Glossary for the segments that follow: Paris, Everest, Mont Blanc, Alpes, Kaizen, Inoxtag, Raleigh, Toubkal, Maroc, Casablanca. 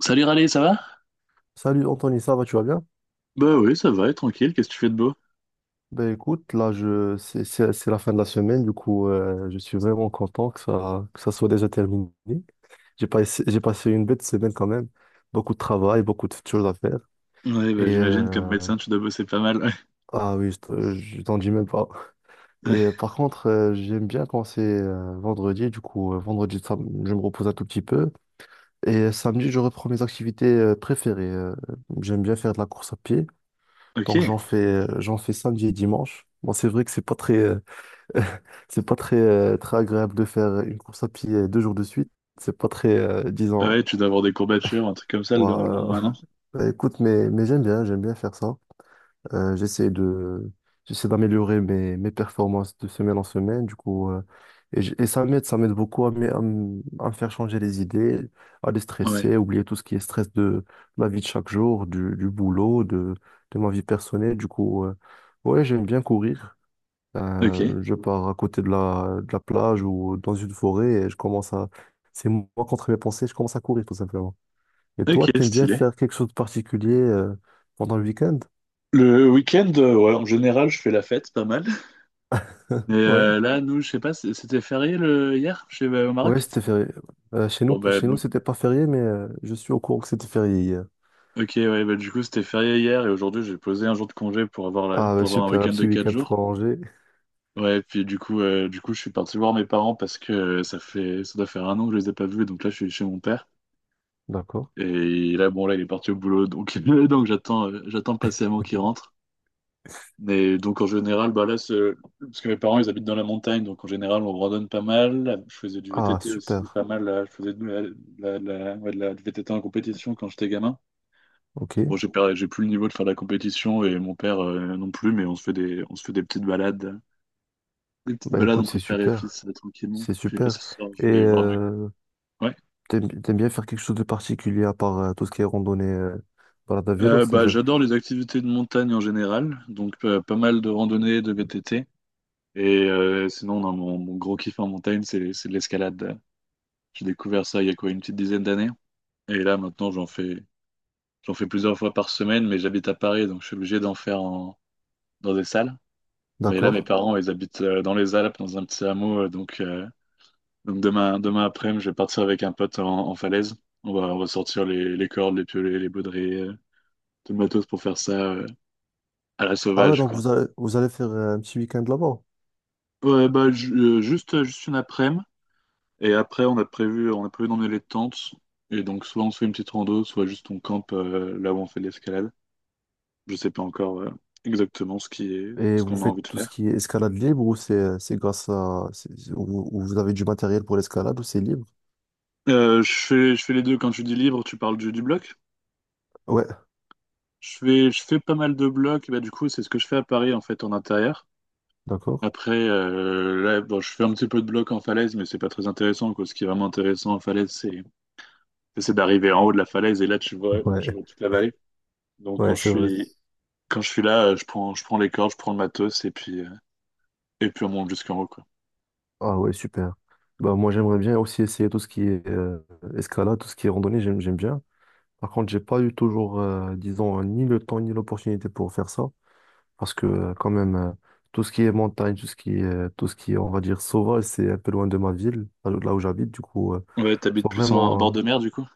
Salut Raleigh, ça va? Salut Anthony, ça va, tu vas bien? Bah oui, ça va, tranquille, qu'est-ce que tu fais de beau? Ben écoute, là c'est la fin de la semaine, du coup je suis vraiment content que ça soit déjà terminé. J'ai pas essa- J'ai passé une bête semaine quand même, beaucoup de travail, beaucoup de choses à faire Ouais, et bah j'imagine comme médecin, tu dois bosser pas mal. Ouais. ah oui, je t'en dis même pas. Et Ouais. par contre, j'aime bien quand c'est vendredi, du coup vendredi je me repose un tout petit peu et samedi je reprends mes activités préférées. J'aime bien faire de la course à pied. Ok. Donc j'en fais samedi et dimanche. Bon, c'est vrai que c'est pas très, c'est pas très, très agréable de faire une course à pied, deux jours de suite. C'est pas très, Ah disons. ouais, tu dois avoir des courbatures, un truc comme ça le lendemain, non? Ouah, bah, écoute, mais j'aime bien faire ça. Euh, j'essaie de, j'essaie d'améliorer mes performances de semaine en semaine, du coup, et, ça m'aide beaucoup à, me faire changer les idées, à Ouais. déstresser, à oublier tout ce qui est stress de ma vie de chaque jour, du boulot, de ma vie personnelle, du coup, ouais, j'aime bien courir. Ok. Je pars à côté de la plage ou dans une forêt et je commence à, c'est moi contre mes pensées, je commence à courir tout simplement. Et toi, Ok, t'aimes bien stylé. faire quelque chose de particulier, pendant le week-end? Le week-end, ouais, en général, je fais la fête, pas mal. Et Ouais, là, nous, je sais pas, c'était férié le hier, chez au ouais, Maroc? c'était férié. Chez nous, Bon bah, chez nous, c'était pas férié, mais je suis au courant que c'était férié hier. ok, ouais, bah du coup, c'était férié hier et aujourd'hui, j'ai posé un jour de congé pour Ah, bah, pour avoir un super, un week-end de petit 4 week-end jours. prolongé. Ouais, puis du coup, je suis parti voir mes parents parce que ça doit faire un an que je les ai pas vus, donc là, je suis chez mon père. D'accord. Et là, bon, là, il est parti au boulot, donc, donc j'attends patiemment qu'il rentre. Mais donc, en général, bah là, parce que mes parents, ils habitent dans la montagne, donc en général, on randonne pas mal. Je faisais du Ah, VTT aussi, super. pas mal. Là. Je faisais ouais, du VTT en compétition quand j'étais gamin. Bon, Ok. j'ai perdu, j'ai plus le niveau de faire de la compétition et mon père non plus, mais on se fait des petites balades. Des petites Bah balades écoute, entre c'est père et super. fils, tranquillement. C'est Puis là, super. ce soir, Et je vais voir mes... Ouais. t'aimes bien faire quelque chose de particulier à part tout ce qui est randonnée, balade à vélo, Bah, c'est-à-dire. j'adore les activités de montagne en général. Donc, pas mal de randonnées, de VTT. Et sinon, non, mon gros kiff en montagne, c'est de l'escalade. J'ai découvert ça il y a quoi, une petite dizaine d'années. Et là, maintenant, j'en fais plusieurs fois par semaine, mais j'habite à Paris, donc je suis obligé d'en faire dans des salles. Mais là, mes D'accord. parents, ils habitent dans les Alpes, dans un petit hameau. Donc demain après, je vais partir avec un pote en falaise. On va on ressortir les cordes, les piolets, les baudriers, tout le matos pour faire ça à la Ah ouais, sauvage, donc quoi. vous allez faire un petit week-end là-bas. Ouais, bah, juste une après-midi. Et après, on a prévu d'emmener les tentes. Et donc, soit on se fait une petite rando, soit juste on campe là où on fait de l'escalade. Je sais pas encore exactement ce qui est, Et ce vous qu'on a faites envie de tout ce faire. qui est escalade libre ou c'est grâce à. Ou vous avez du matériel pour l'escalade ou c'est libre? Je fais les deux. Quand tu dis libre, tu parles du bloc. Ouais, Je fais pas mal de blocs. Bah, du coup, c'est ce que je fais à Paris, en fait, en intérieur. d'accord. Après, là, bon, je fais un petit peu de bloc en falaise, mais c'est pas très intéressant, quoi. Ce qui est vraiment intéressant en falaise, c'est d'arriver en haut de la falaise et là, tu vois, tu Ouais. vois toute la vallée. Donc, Ouais, quand je c'est vrai. suis, quand je suis là, je prends les cordes, je prends le matos et puis on monte jusqu'en haut, quoi. Ah ouais, super. Bah, moi, j'aimerais bien aussi essayer tout ce qui est escalade, tout ce qui est randonnée, j'aime bien. Par contre, j'ai pas eu toujours, disons, ni le temps ni l'opportunité pour faire ça. Parce que, quand même, tout ce qui est montagne, tout ce qui est, tout ce qui est, on va dire, sauvage, c'est un peu loin de ma ville, là où j'habite. Du coup, Ouais, faut t'habites plus en vraiment. bord de mer, du coup?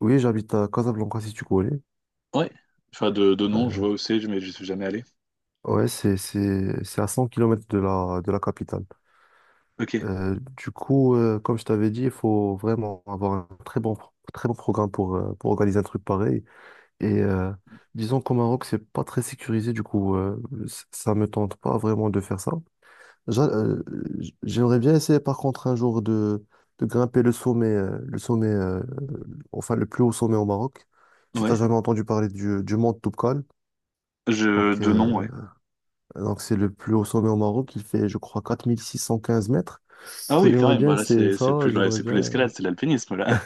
Oui, j'habite à Casablanca, si tu connais. Ouais. Enfin, de nom, je Euh, vois où c'est, mais je suis jamais allé. ouais, c'est à 100 kilomètres de la, capitale. Ok. Du coup, comme je t'avais dit, il faut vraiment avoir un très bon programme pour organiser un truc pareil. Et disons qu'au Maroc, c'est pas très sécurisé, du coup, ça me tente pas vraiment de faire ça. J'a- euh, J'aimerais bien essayer, par contre, un jour de, grimper le sommet, enfin, le plus haut sommet au Maroc. Si t'as Ouais. jamais entendu parler du mont Toubkal, Je, donc de nom, euh, ouais. donc, c'est le plus haut sommet au Maroc. Il fait, je crois, 4615 mètres. Du Ah coup, oui, quand j'aimerais même. bien Bah là, essayer c'est ça. plus, J'aimerais c'est plus bien. l'escalade, c'est l'alpinisme, là.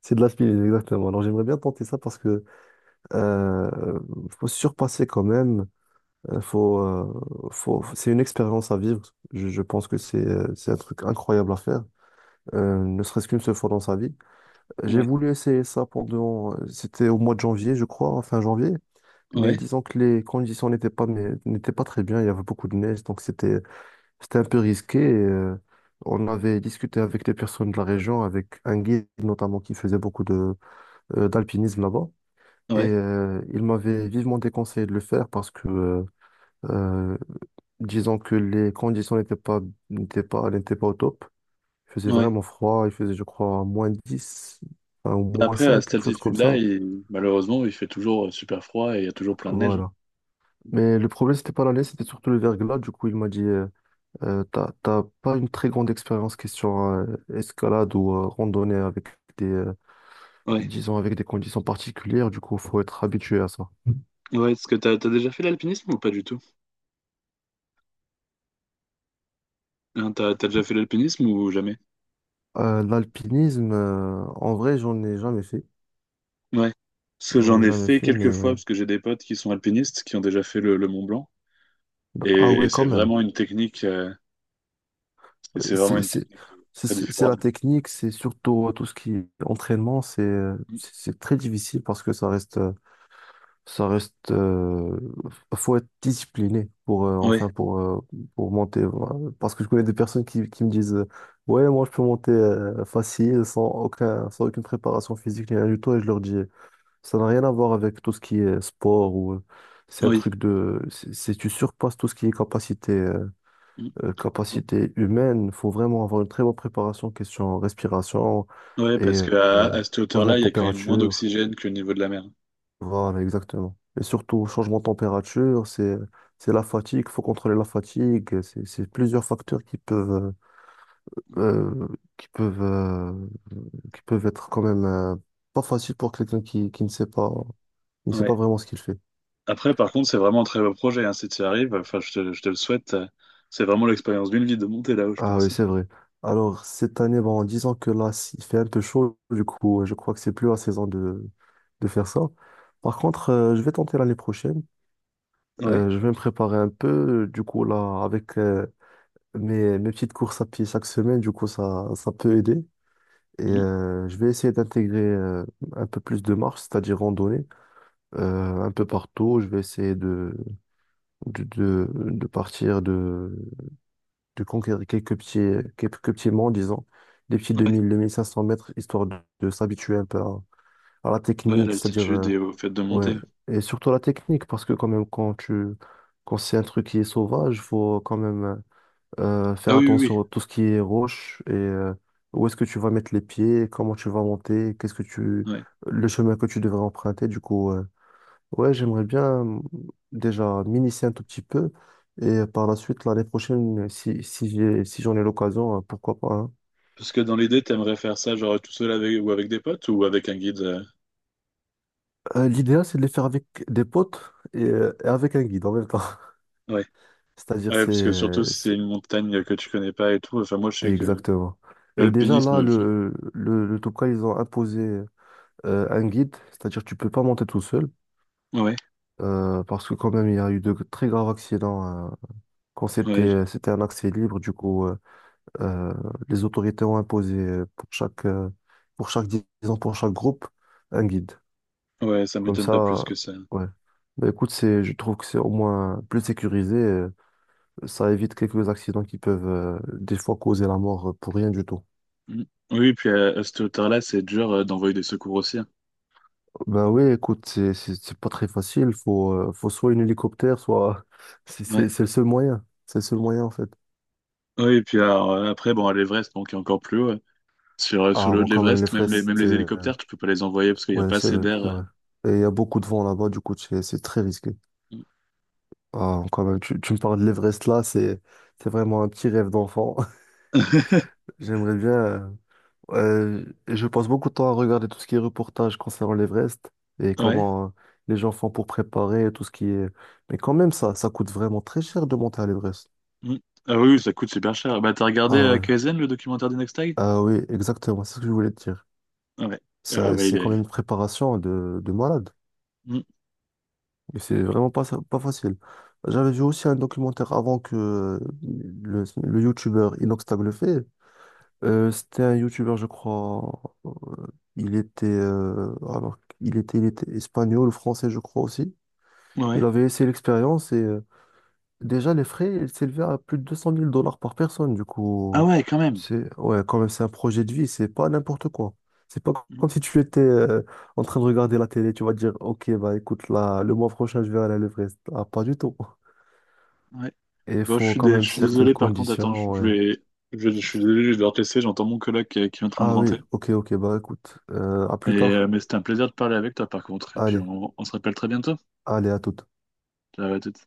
C'est de l'alpinisme, exactement. Alors, j'aimerais bien tenter ça parce que euh, faut se surpasser quand même. Faut. C'est une expérience à vivre. Je pense que c'est un truc incroyable à faire, ne serait-ce qu'une seule fois dans sa vie. J'ai Ouais. voulu essayer ça pendant. C'était au mois de janvier, je crois, fin janvier. Mais Ouais. disons que les conditions n'étaient pas très bien. Il y avait beaucoup de neige, donc c'était un peu risqué. On avait discuté avec des personnes de la région, avec un guide notamment qui faisait beaucoup de d'alpinisme là-bas. Et Ouais. Il m'avait vivement déconseillé de le faire parce que, euh, disons que les conditions n'étaient pas au top. Il faisait Ouais. vraiment froid. Il faisait, je crois, -10, enfin, ou Bah moins après, à cinq cette quelque chose comme altitude-là, ça. Malheureusement, il fait toujours super froid et il y a toujours plein de neige. Voilà. Mais le problème, c'était pas la neige, c'était surtout le verglas. Du coup, il m'a dit, t'as pas une très grande expérience question escalade ou randonnée avec des, euh, Ouais. disons avec des conditions particulières, du coup, faut être habitué à ça. Ouais. Est-ce que t'as déjà fait l'alpinisme ou pas du tout? Hein, t'as déjà fait l'alpinisme ou jamais? L'alpinisme, en vrai, j'en ai jamais fait. Ouais. Parce que J'en j'en ai ai jamais fait fait, mais quelques fois, parce que j'ai des potes qui sont alpinistes, qui ont déjà fait le Mont Blanc. bah, Et, ah et ouais, quand c'est même. vraiment une technique, c'est Ouais, c'est vraiment C'est, une c'est, technique c'est, très c'est- c'est la différente. technique, c'est surtout tout ce qui est entraînement, c'est très difficile parce que ça reste. Ça reste, faut être discipliné pour, Oui, enfin, pour monter. Voilà. Parce que je connais des personnes qui me disent, ouais, moi, je peux monter, facile, sans aucune préparation physique, ni rien du tout. Et je leur dis, ça n'a rien à voir avec tout ce qui est sport ou, c'est un oui. truc de, tu surpasses tout ce qui est capacité, euh, Mm. euh, capacité humaine. Faut vraiment avoir une très bonne préparation, question respiration Ouais, et, parce qu'à euh, à cette changement hauteur-là, de il y a quand même moins température. d'oxygène que le niveau de la mer. Voilà, exactement. Et surtout, changement de température, c'est la fatigue, faut contrôler la fatigue, c'est plusieurs facteurs euh, qui peuvent, euh, qui peuvent être quand même, pas faciles pour quelqu'un qui ne sait pas, qui ne sait Ouais. pas, vraiment ce qu'il fait. Après, par contre, c'est vraiment un très beau projet, hein, si tu y arrives, enfin, je te le souhaite. C'est vraiment l'expérience d'une vie de monter là-haut, je Ah oui, pense. c'est vrai. Alors, cette année, bon, en disant que là, il fait un peu chaud, du coup, je crois que c'est plus la saison de faire ça. Par contre, je vais tenter l'année prochaine. Ouais. Je vais me préparer un peu, du coup, là, avec, mes petites courses à pied chaque semaine, du coup, ça peut aider. Et Mhm. Je vais essayer d'intégrer un peu plus de marche, c'est-à-dire randonnée, un peu partout. Je vais essayer de, partir, de conquérir quelques petits monts, disons, des petits Ouais. 2000, 2500 mètres, histoire de, s'habituer un peu à la Ouais, à technique, c'est-à-dire, l'altitude et au fait de ouais, monter. et surtout la technique, parce que quand même, quand c'est un truc qui est sauvage, faut quand même. Ah Faire oui, oui, oui. attention à tout ce qui est roche et, où est-ce que tu vas mettre les pieds, comment tu vas monter, qu'est-ce que tu, Ouais. le chemin que tu devrais emprunter. Du coup, ouais, j'aimerais bien, déjà m'initier un tout petit peu et par la suite, l'année prochaine, si j'en ai l'occasion, pourquoi pas, hein. Parce que dans l'idée, t'aimerais faire ça genre tout seul avec ou avec des potes ou avec un guide. L'idéal, c'est de les faire avec des potes et avec un guide en même temps. Ouais. C'est-à-dire, Ouais, parce que surtout si c'est une montagne que tu connais pas et tout. Enfin, moi, je sais que exactement. Et déjà l'alpinisme. là, le Toubkal, ils ont imposé un guide, c'est-à-dire tu peux pas monter tout seul. Ouais, Parce que quand même, il y a eu de très graves accidents, quand c'était ouais, euh, c'était un accès libre. Du coup, euh, les autorités ont imposé, pour chaque disons pour chaque groupe, un guide. ouais, ça Comme m'étonne pas plus ça, que ça. ouais. Bah, écoute, c'est je trouve que c'est au moins plus sécurisé. Ça évite quelques accidents qui peuvent, des fois causer la mort, pour rien du tout. Mm. Oui, puis à cette hauteur-là, c'est dur d'envoyer des secours aussi, hein. Ben oui, écoute, c'est pas très facile. Faut soit un hélicoptère, soit c'est Ouais. c'est c'est le seul moyen. C'est le seul moyen en fait. Oui, et puis alors, après, bon, à l'Everest, bon, qui est encore plus haut. Ouais. Sur Ah, le haut bon, de quand même, les l'Everest, même les, fraises, même c'est... les hélicoptères, tu peux pas les envoyer parce qu'il n'y a Ouais, pas c'est assez vrai, d'air. c'est vrai. Et il y a beaucoup de vent là-bas, du coup, c'est très risqué. Mm. Ah, quand même, tu me parles de l'Everest là, c'est vraiment un petit rêve d'enfant. J'aimerais bien... je passe beaucoup de temps à regarder tout ce qui est reportage concernant l'Everest et Ouais. comment, les gens font pour préparer tout ce qui est... Mais quand même, ça coûte vraiment très cher de monter à l'Everest. Mm. Ah oui, oui, ça coûte super cher. Bah, t'as regardé Ah ouais, Kaizen, le documentaire d'Inextag? ah oui, exactement, c'est ce que je voulais te dire. Ouais. Ah Ça, ouais, c'est quand même une préparation de, malade. Mm. Mais c'est vraiment pas, pas facile. J'avais vu aussi un documentaire avant que le youtubeur Inoxtag le fait. C'était un youtubeur, je crois. euh, il était, alors, il était espagnol, français, je crois aussi. Ouais. Il avait essayé l'expérience et, déjà, les frais, ils s'élevaient à plus de 200 000 dollars par personne. Du Ah coup, ouais, quand même. c'est ouais, quand même, c'est un projet de vie, c'est pas n'importe quoi. C'est pas Mm. comme si tu étais, en train de regarder la télé, tu vas te dire, OK, bah écoute, là, le mois prochain, je vais aller à l'Everest. Ah, pas du tout. Ouais. Et il Bon, je faut suis, quand dé- même je suis certaines désolé, par contre, attends, je conditions. je Ouais. vais... Je suis désolé, je vais devoir te laisser, j'entends mon coloc qui est en train de Ah oui, rentrer. OK, OK, bah écoute, à Et, plus tard. mais c'était un plaisir de parler avec toi, par contre. Et puis, Allez, on se rappelle très bientôt. allez, à toute. Ciao, à toutes.